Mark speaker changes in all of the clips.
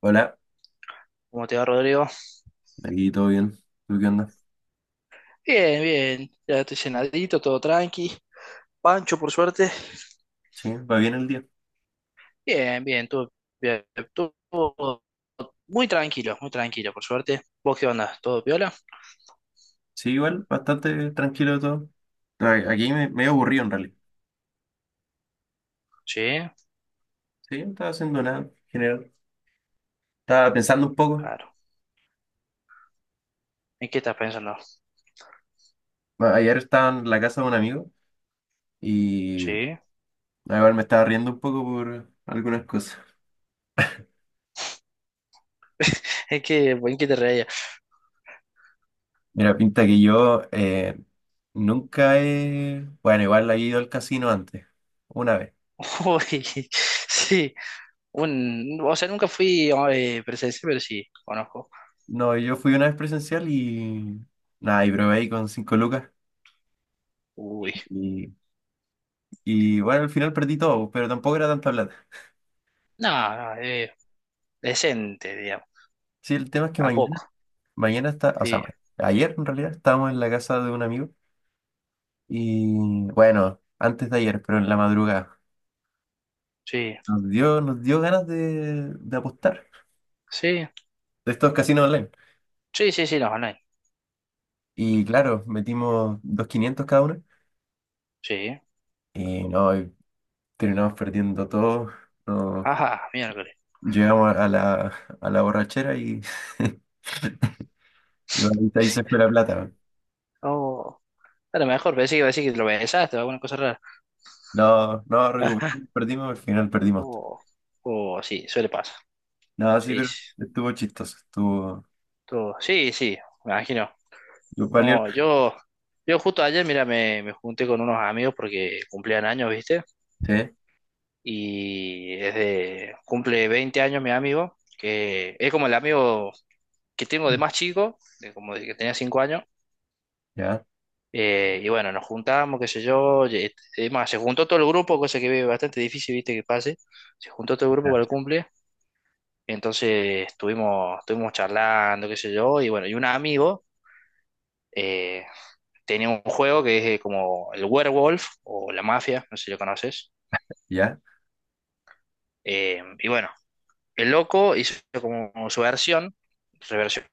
Speaker 1: Hola,
Speaker 2: ¿Cómo te va, Rodrigo?
Speaker 1: aquí todo bien. ¿Tú qué onda?
Speaker 2: Bien, bien. Ya estoy cenadito, todo tranqui. Pancho, por suerte.
Speaker 1: Sí, va bien el día.
Speaker 2: Bien, bien. Todo, bien, todo muy tranquilo, por suerte. ¿Vos qué onda? ¿Todo piola?
Speaker 1: Sí, igual, bastante tranquilo todo. Aquí me, medio aburrido en realidad.
Speaker 2: Sí,
Speaker 1: Sí, no estaba haciendo nada en general. Estaba pensando un poco.
Speaker 2: claro. ¿En qué estás pensando?
Speaker 1: Ayer estaba en la casa de un amigo y
Speaker 2: Sí.
Speaker 1: a ver, me estaba riendo un poco por algunas cosas.
Speaker 2: ¿En qué te reía?
Speaker 1: Mira, pinta que yo nunca he... Bueno, igual he ido al casino antes, una vez.
Speaker 2: Uy, sí. O sea, nunca fui presencial, pero sí, conozco.
Speaker 1: No, yo fui una vez presencial y... Nada, y probé ahí con cinco lucas.
Speaker 2: Uy.
Speaker 1: Y, y, bueno, al final perdí todo, pero tampoco era tanta plata.
Speaker 2: No, no, decente, digamos.
Speaker 1: Sí, el tema es que
Speaker 2: ¿A
Speaker 1: mañana,
Speaker 2: poco?
Speaker 1: mañana está, o
Speaker 2: Sí,
Speaker 1: sea, ayer en realidad estábamos en la casa de un amigo y bueno, antes de ayer, pero en la madrugada,
Speaker 2: sí.
Speaker 1: nos dio ganas de apostar
Speaker 2: Sí,
Speaker 1: de estos casinos online.
Speaker 2: sí, sí, sí, no, no,
Speaker 1: Y claro, metimos dos quinientos cada uno
Speaker 2: sí.
Speaker 1: y no, y terminamos perdiendo todo. No,
Speaker 2: Ajá, miércoles.
Speaker 1: llegamos a a la borrachera y, y bueno, ahí se fue la plata.
Speaker 2: Oh, a lo mejor pensé que iba a decir que lo besaste o alguna cosa rara.
Speaker 1: No, no recuperamos, perdimos, al final perdimos todo.
Speaker 2: Oh, oh, sí, suele pasar.
Speaker 1: No, sí,
Speaker 2: Sí,
Speaker 1: pero
Speaker 2: sí,
Speaker 1: estuvo chistoso,
Speaker 2: todo. Sí, sí, me imagino.
Speaker 1: estuvo valioso,
Speaker 2: No, yo justo ayer, mira, me junté con unos amigos porque cumplían años, ¿viste?
Speaker 1: sí.
Speaker 2: Y cumple 20 años mi amigo, que es como el amigo que tengo de más chico, de como de que tenía 5 años.
Speaker 1: Ya,
Speaker 2: Y bueno, nos juntamos, qué sé yo. Es más, se juntó todo el grupo, cosa que es bastante difícil, viste, que pase. Se juntó todo el grupo
Speaker 1: ya,
Speaker 2: para el cumple. Entonces estuvimos, estuvimos charlando, qué sé yo. Y bueno, y un amigo eh, tenía un juego que es como el Werewolf o la Mafia, no sé si lo conoces.
Speaker 1: ya,
Speaker 2: Y bueno, el loco hizo como su versión, reversionó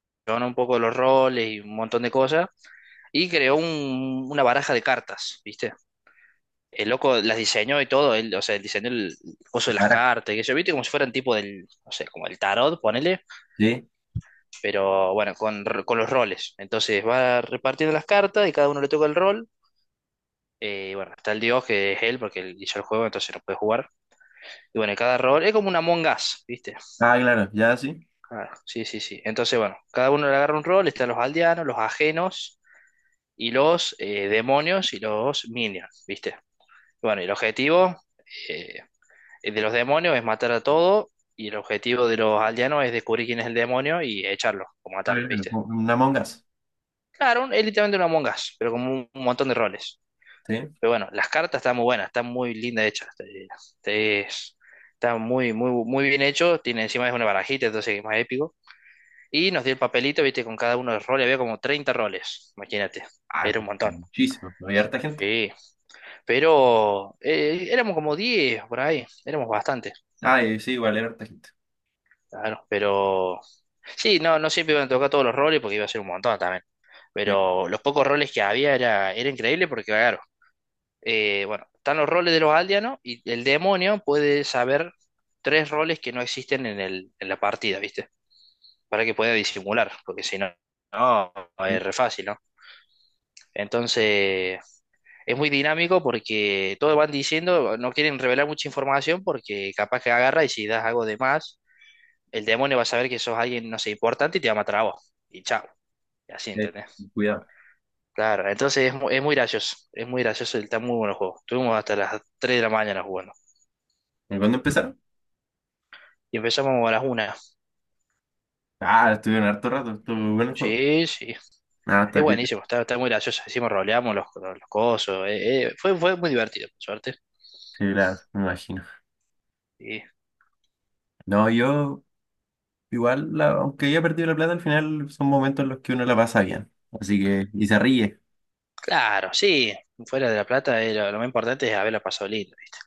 Speaker 2: un poco los roles y un montón de cosas. Y creó una baraja de cartas, ¿viste? El loco las diseñó y todo, él, o sea, él diseñó el coso de las
Speaker 1: Lara,
Speaker 2: cartas, que yo viste como si fueran tipo del, no sé, como el tarot, ponele,
Speaker 1: sí.
Speaker 2: pero bueno, con, con los roles. Entonces va repartiendo las cartas y cada uno le toca el rol. Y bueno, está el dios que es él, porque él hizo el juego, entonces no puede jugar. Y bueno, cada rol es como una Among Us, ¿viste?
Speaker 1: Ah, claro, ya sí.
Speaker 2: Ah, sí, sí, sí. Entonces, bueno, cada uno le agarra un rol, están los aldeanos, los ajenos y los demonios y los minions, ¿viste? Bueno, y el objetivo, eh, El de los demonios es matar a todo y el objetivo de los aldeanos es descubrir quién es el demonio y echarlo o
Speaker 1: Ah,
Speaker 2: matarlo,
Speaker 1: claro,
Speaker 2: ¿viste?
Speaker 1: como una Among Us,
Speaker 2: Claro, es literalmente una Among Us, pero con un montón de roles.
Speaker 1: sí.
Speaker 2: Pero bueno, las cartas están muy buenas, están muy lindas hechas. Te- es- están muy, muy, muy bien hecho. Tiene encima es una barajita, entonces es más épico. Y nos dio el papelito, viste, con cada uno de los roles. Había como 30 roles, imagínate.
Speaker 1: Ah,
Speaker 2: Era un montón.
Speaker 1: muchísimo, ¿no? Hay harta gente.
Speaker 2: Sí. Pero éramos como 10 por ahí. Éramos bastante.
Speaker 1: Ah, sí, igual hay harta gente.
Speaker 2: Claro, pero sí, no, no siempre iban a tocar todos los roles porque iba a ser un montón también.
Speaker 1: Sí,
Speaker 2: Pero los pocos roles que había era, era increíble porque, claro, bueno, están los roles de los aldeanos y el demonio puede saber 3 roles que no existen en el, en la partida, ¿viste? Para que pueda disimular, porque si no, no,
Speaker 1: sí,
Speaker 2: es re fácil, ¿no? Entonces, es muy dinámico porque todos van diciendo, no quieren revelar mucha información porque capaz que agarra y si das algo de más el demonio va a saber que sos alguien, no sé, importante y te va a matar a vos. Y chao. Y así,
Speaker 1: eh,
Speaker 2: ¿entendés?
Speaker 1: cuidado.
Speaker 2: Claro, entonces es, es muy gracioso. Es muy gracioso, está muy bueno el juego. Estuvimos hasta las 3 de la mañana jugando.
Speaker 1: ¿Y cuándo empezaron?
Speaker 2: Y empezamos a las una.
Speaker 1: Ah, estuvieron harto rato, estuvo bueno el juego.
Speaker 2: Sí, sí.
Speaker 1: Ah, está
Speaker 2: Es
Speaker 1: bien.
Speaker 2: buenísimo, está, está muy gracioso. Hicimos roleamos los cosos. Fue, fue muy divertido, por suerte.
Speaker 1: Sí, claro, me imagino.
Speaker 2: Y,
Speaker 1: No, yo, igual, aunque haya perdido la plata, al final son momentos en los que uno la pasa bien. Así que, y se ríe.
Speaker 2: claro, sí. Fuera de La Plata, lo más importante es haberla pasado lindo, ¿viste?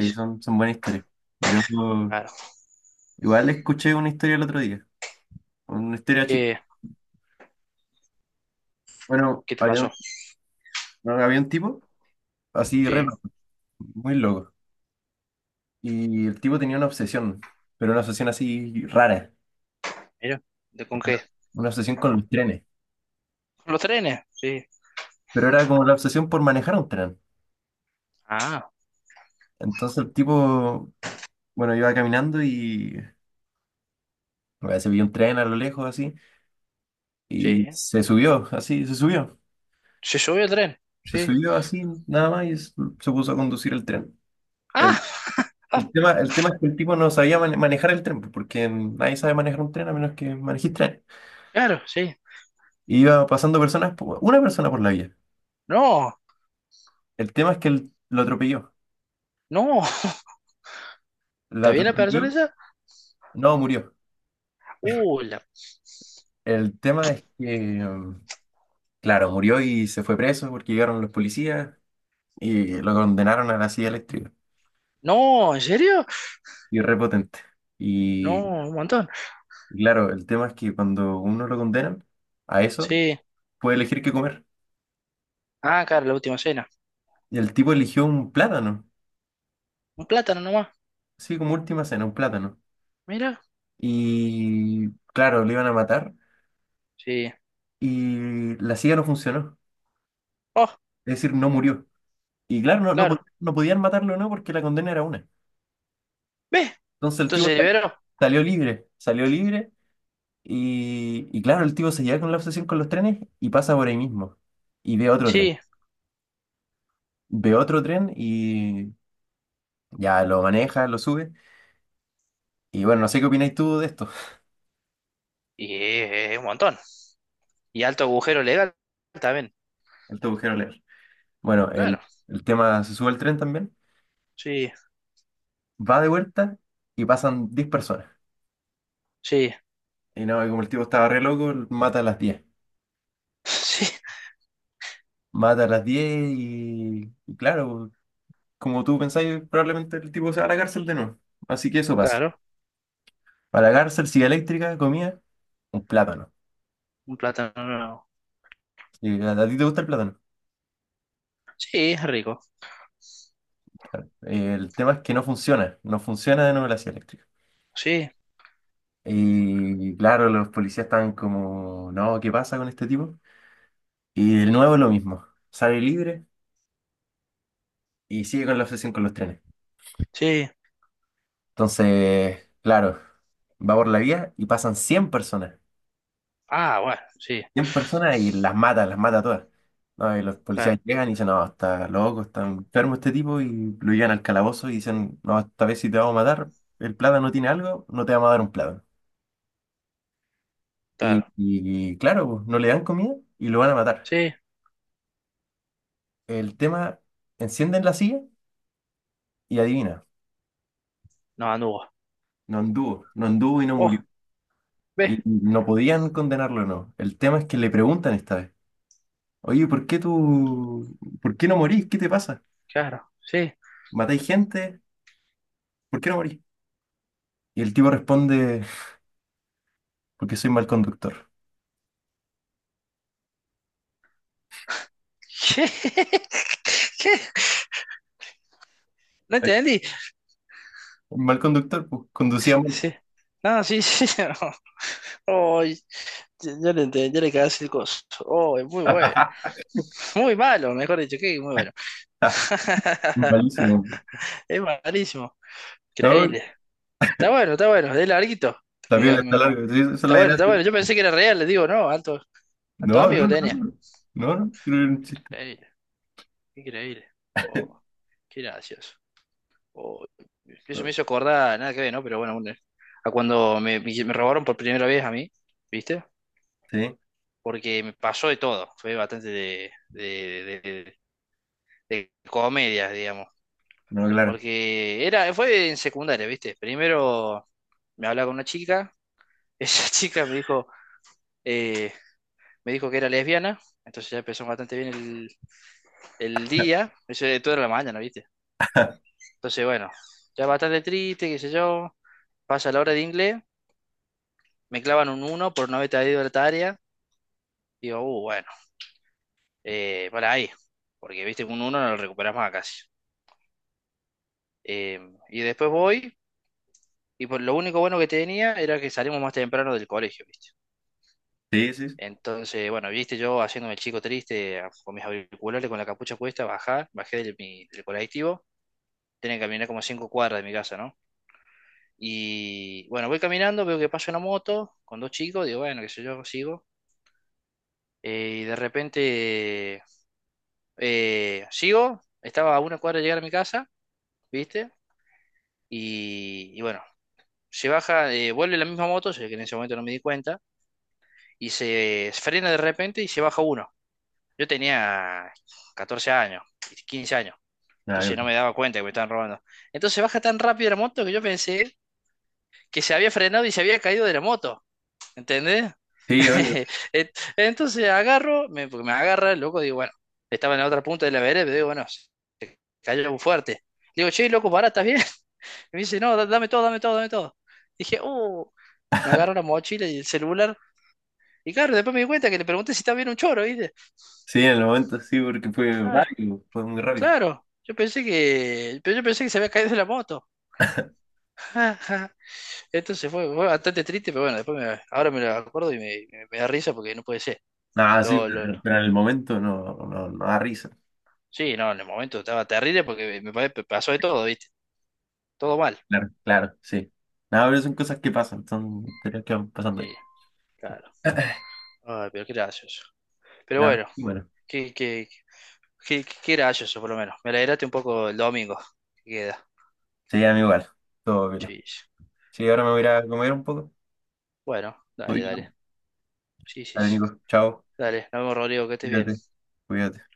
Speaker 2: Sí, sí.
Speaker 1: son buenas historias. Yo,
Speaker 2: Claro.
Speaker 1: igual, escuché una historia el otro día, una historia chistosa.
Speaker 2: ¿Qué,
Speaker 1: Bueno,
Speaker 2: qué te
Speaker 1: había
Speaker 2: pasó?
Speaker 1: No había un tipo así re
Speaker 2: Sí,
Speaker 1: loco, muy loco. Y el tipo tenía una obsesión, pero una obsesión así rara.
Speaker 2: mira. ¿De con qué?
Speaker 1: Una obsesión con los trenes.
Speaker 2: ¿Con los trenes? Sí.
Speaker 1: Pero era como la obsesión por manejar un tren.
Speaker 2: Ah,
Speaker 1: Entonces el tipo, bueno, iba caminando y bueno, se vio un tren a lo lejos así. Y
Speaker 2: sí.
Speaker 1: se subió, así, se subió.
Speaker 2: Se subió el tren,
Speaker 1: Se
Speaker 2: sí.
Speaker 1: subió así, nada más, se puso a conducir el tren. El,
Speaker 2: Ah, ah,
Speaker 1: el tema es que el tipo no sabía manejar el tren, pues, porque nadie sabe manejar un tren a menos que manejes tren.
Speaker 2: claro, sí.
Speaker 1: Y iba pasando personas, una persona por la vía.
Speaker 2: No,
Speaker 1: El tema es que él lo atropelló.
Speaker 2: no.
Speaker 1: La
Speaker 2: ¿Está bien la persona
Speaker 1: atropelló.
Speaker 2: esa?
Speaker 1: No, murió.
Speaker 2: Uh, la-
Speaker 1: El tema es que, mm, claro, murió y se fue preso porque llegaron los policías y lo condenaron a la silla eléctrica.
Speaker 2: No, ¿en serio?
Speaker 1: Y repotente. Y
Speaker 2: No, un montón.
Speaker 1: claro, el tema es que cuando uno lo condenan a eso,
Speaker 2: Sí.
Speaker 1: puede elegir qué comer.
Speaker 2: Ah, claro, la última cena.
Speaker 1: Y el tipo eligió un plátano.
Speaker 2: Un plátano nomás.
Speaker 1: Sí, como última cena, un plátano.
Speaker 2: Mira.
Speaker 1: Y claro, le iban a matar
Speaker 2: Sí.
Speaker 1: y la silla no funcionó.
Speaker 2: Oh,
Speaker 1: Es decir, no murió. Y claro,
Speaker 2: claro.
Speaker 1: no podían matarlo, ¿no? Porque la condena era una.
Speaker 2: ¿Ve?
Speaker 1: Entonces el
Speaker 2: Entonces
Speaker 1: tipo
Speaker 2: se
Speaker 1: sal-
Speaker 2: liberó.
Speaker 1: salió libre y claro, el tipo se lleva con la obsesión con los trenes y pasa por ahí mismo y
Speaker 2: Sí.
Speaker 1: ve otro tren y ya lo maneja, lo sube y bueno, no sé qué opináis tú de esto,
Speaker 2: Y es un montón. Y alto agujero legal también.
Speaker 1: el te agujero leer. Bueno,
Speaker 2: Claro.
Speaker 1: el tema se sube al tren también,
Speaker 2: Sí,
Speaker 1: va de vuelta y pasan 10 personas
Speaker 2: sí.
Speaker 1: y no, y como el tipo estaba re loco, mata a las 10,
Speaker 2: Sí,
Speaker 1: mata a las 10 y claro, como tú pensáis, probablemente el tipo se va a la cárcel de nuevo, así que eso pasa.
Speaker 2: claro.
Speaker 1: Para la cárcel silla eléctrica comía un plátano.
Speaker 2: Un plátano nuevo.
Speaker 1: Y a ti te gusta el plátano.
Speaker 2: Sí, es rico.
Speaker 1: El tema es que no funciona, no funciona de nuevo la silla eléctrica.
Speaker 2: Sí,
Speaker 1: Y claro, los policías estaban como, no, ¿qué pasa con este tipo? Y de nuevo lo mismo, sale libre y sigue con la obsesión con los trenes.
Speaker 2: sí.
Speaker 1: Entonces, claro, va por la vía y pasan 100 personas.
Speaker 2: Ah, bueno, sí.
Speaker 1: 100 personas y las mata todas. No, y los
Speaker 2: Claro,
Speaker 1: policías llegan y dicen, no, está loco, está enfermo este tipo, y lo llevan al calabozo y dicen, no, esta vez si te vamos a matar, el plátano tiene algo, no te vamos a dar un plátano.
Speaker 2: claro.
Speaker 1: Y claro, pues, no le dan comida y lo van a matar.
Speaker 2: Sí.
Speaker 1: El tema, encienden la silla y adivina,
Speaker 2: No, Anugo.
Speaker 1: no anduvo, no anduvo y no murió.
Speaker 2: Oh, ve,
Speaker 1: Y no podían condenarlo, no. El tema es que le preguntan esta vez, oye, ¿por qué tú, por qué no morís? ¿Qué te pasa?
Speaker 2: claro, sí.
Speaker 1: ¿Matáis gente? ¿Por qué no morís? Y el tipo responde... porque soy mal conductor.
Speaker 2: ¿Qué? ¿Qué? ¿No
Speaker 1: Ay,
Speaker 2: entendí?
Speaker 1: mal conductor, pues conducía mal.
Speaker 2: Sí. No, sí, sí. no. Oh, ya, ya le entendí, ya le cagaste el coso. Oh, es muy bueno. Muy malo, mejor dicho, que muy bueno.
Speaker 1: Malísimo.
Speaker 2: Es malísimo.
Speaker 1: No,
Speaker 2: Increíble. Está bueno, es larguito.
Speaker 1: la
Speaker 2: Mira,
Speaker 1: piola está larga. Sí, esa es
Speaker 2: está
Speaker 1: la
Speaker 2: bueno, está bueno.
Speaker 1: gracia.
Speaker 2: Yo pensé que era real, le digo, no, alto, alto
Speaker 1: No, no,
Speaker 2: amigo
Speaker 1: no,
Speaker 2: tenía.
Speaker 1: no. No,
Speaker 2: Ah,
Speaker 1: no, pero era un chiste.
Speaker 2: increíble, increíble. Oh, qué gracioso. o- eso me hizo acordar, nada que ver, ¿no? Pero bueno, a cuando robaron por primera vez a mí, ¿viste?
Speaker 1: Sí,
Speaker 2: Porque me pasó de todo, fue bastante de comedia, digamos.
Speaker 1: no, claro.
Speaker 2: Porque era, fue en secundaria, ¿viste? Primero me hablaba con una chica, esa chica eh, me dijo que era lesbiana, entonces ya empezó bastante bien el día, eso de toda la mañana, ¿viste? Entonces, bueno, ya bastante triste, qué sé yo, pasa la hora de inglés. Me clavan un uno por no haber traído el área. Digo, bueno, para ahí, porque viste que un uno no lo recuperas más casi. Eh, y después voy, y lo único bueno que tenía era que salimos más temprano del colegio, viste.
Speaker 1: Sí, sí, sí.
Speaker 2: Entonces, bueno, viste yo haciéndome el chico triste, con mis auriculares, con la capucha puesta, bajé del colectivo, tenía que caminar como 5 cuadras de mi casa, ¿no? Y bueno, voy caminando, veo que pasa una moto con dos chicos, digo, bueno, qué sé yo, sigo. Y de repente sigo, estaba a una cuadra de llegar a mi casa, ¿viste? Y bueno, se baja, vuelve la misma moto, sé que en ese momento no me di cuenta, y se frena de repente y se baja uno. Yo tenía 14 años, 15 años,
Speaker 1: Ah,
Speaker 2: entonces no
Speaker 1: claro.
Speaker 2: me daba cuenta que me estaban robando. Entonces se baja tan rápido la moto que yo pensé que se había frenado y se había caído de la moto, ¿entendés?
Speaker 1: Sí, obvio.
Speaker 2: Et- Entonces agarro, porque me agarra, el loco, digo, bueno, estaba en la otra punta de la vereda, pero digo, bueno, cayó fuerte. Le digo, che, loco, pará, ¿estás bien? Me dice, no, dame todo, dame todo, dame todo. Dije, me agarro la mochila y el celular. Y claro, después me di cuenta que le pregunté si estaba bien un choro, ¿viste?
Speaker 1: Sí, en el momento sí, porque fue
Speaker 2: Ah,
Speaker 1: rápido, fue muy rápido.
Speaker 2: claro, yo pensé que, pero yo pensé que se había caído de la moto. Entonces fue, fue bastante triste, pero bueno, después ahora me lo acuerdo y me da risa porque no puede ser.
Speaker 1: Nada, sí,
Speaker 2: Lo, lo, lo-
Speaker 1: pero en el momento no, no, no da risa.
Speaker 2: Sí, no, en el momento estaba terrible porque pasó de todo, ¿viste? Todo mal.
Speaker 1: Claro, claro, sí. Nada, pero son cosas que pasan, son historias que van pasando ahí.
Speaker 2: Sí, claro. Ay, pero qué gracioso. Pero
Speaker 1: Nada,
Speaker 2: bueno,
Speaker 1: y bueno.
Speaker 2: que qué gracioso, por lo menos. Me alegraste un poco el domingo. Queda.
Speaker 1: Sí, a mí igual. Todo bien.
Speaker 2: Sí. Sí.
Speaker 1: Sí, ahora me voy a ir a comer un poco.
Speaker 2: Bueno,
Speaker 1: Muy
Speaker 2: dale, dale.
Speaker 1: bien.
Speaker 2: Sí, sí.
Speaker 1: Dale,
Speaker 2: Sí.
Speaker 1: Nico. Chao.
Speaker 2: Dale, nos vemos, Rodrigo, que estés bien.
Speaker 1: Cuídate. Cuídate.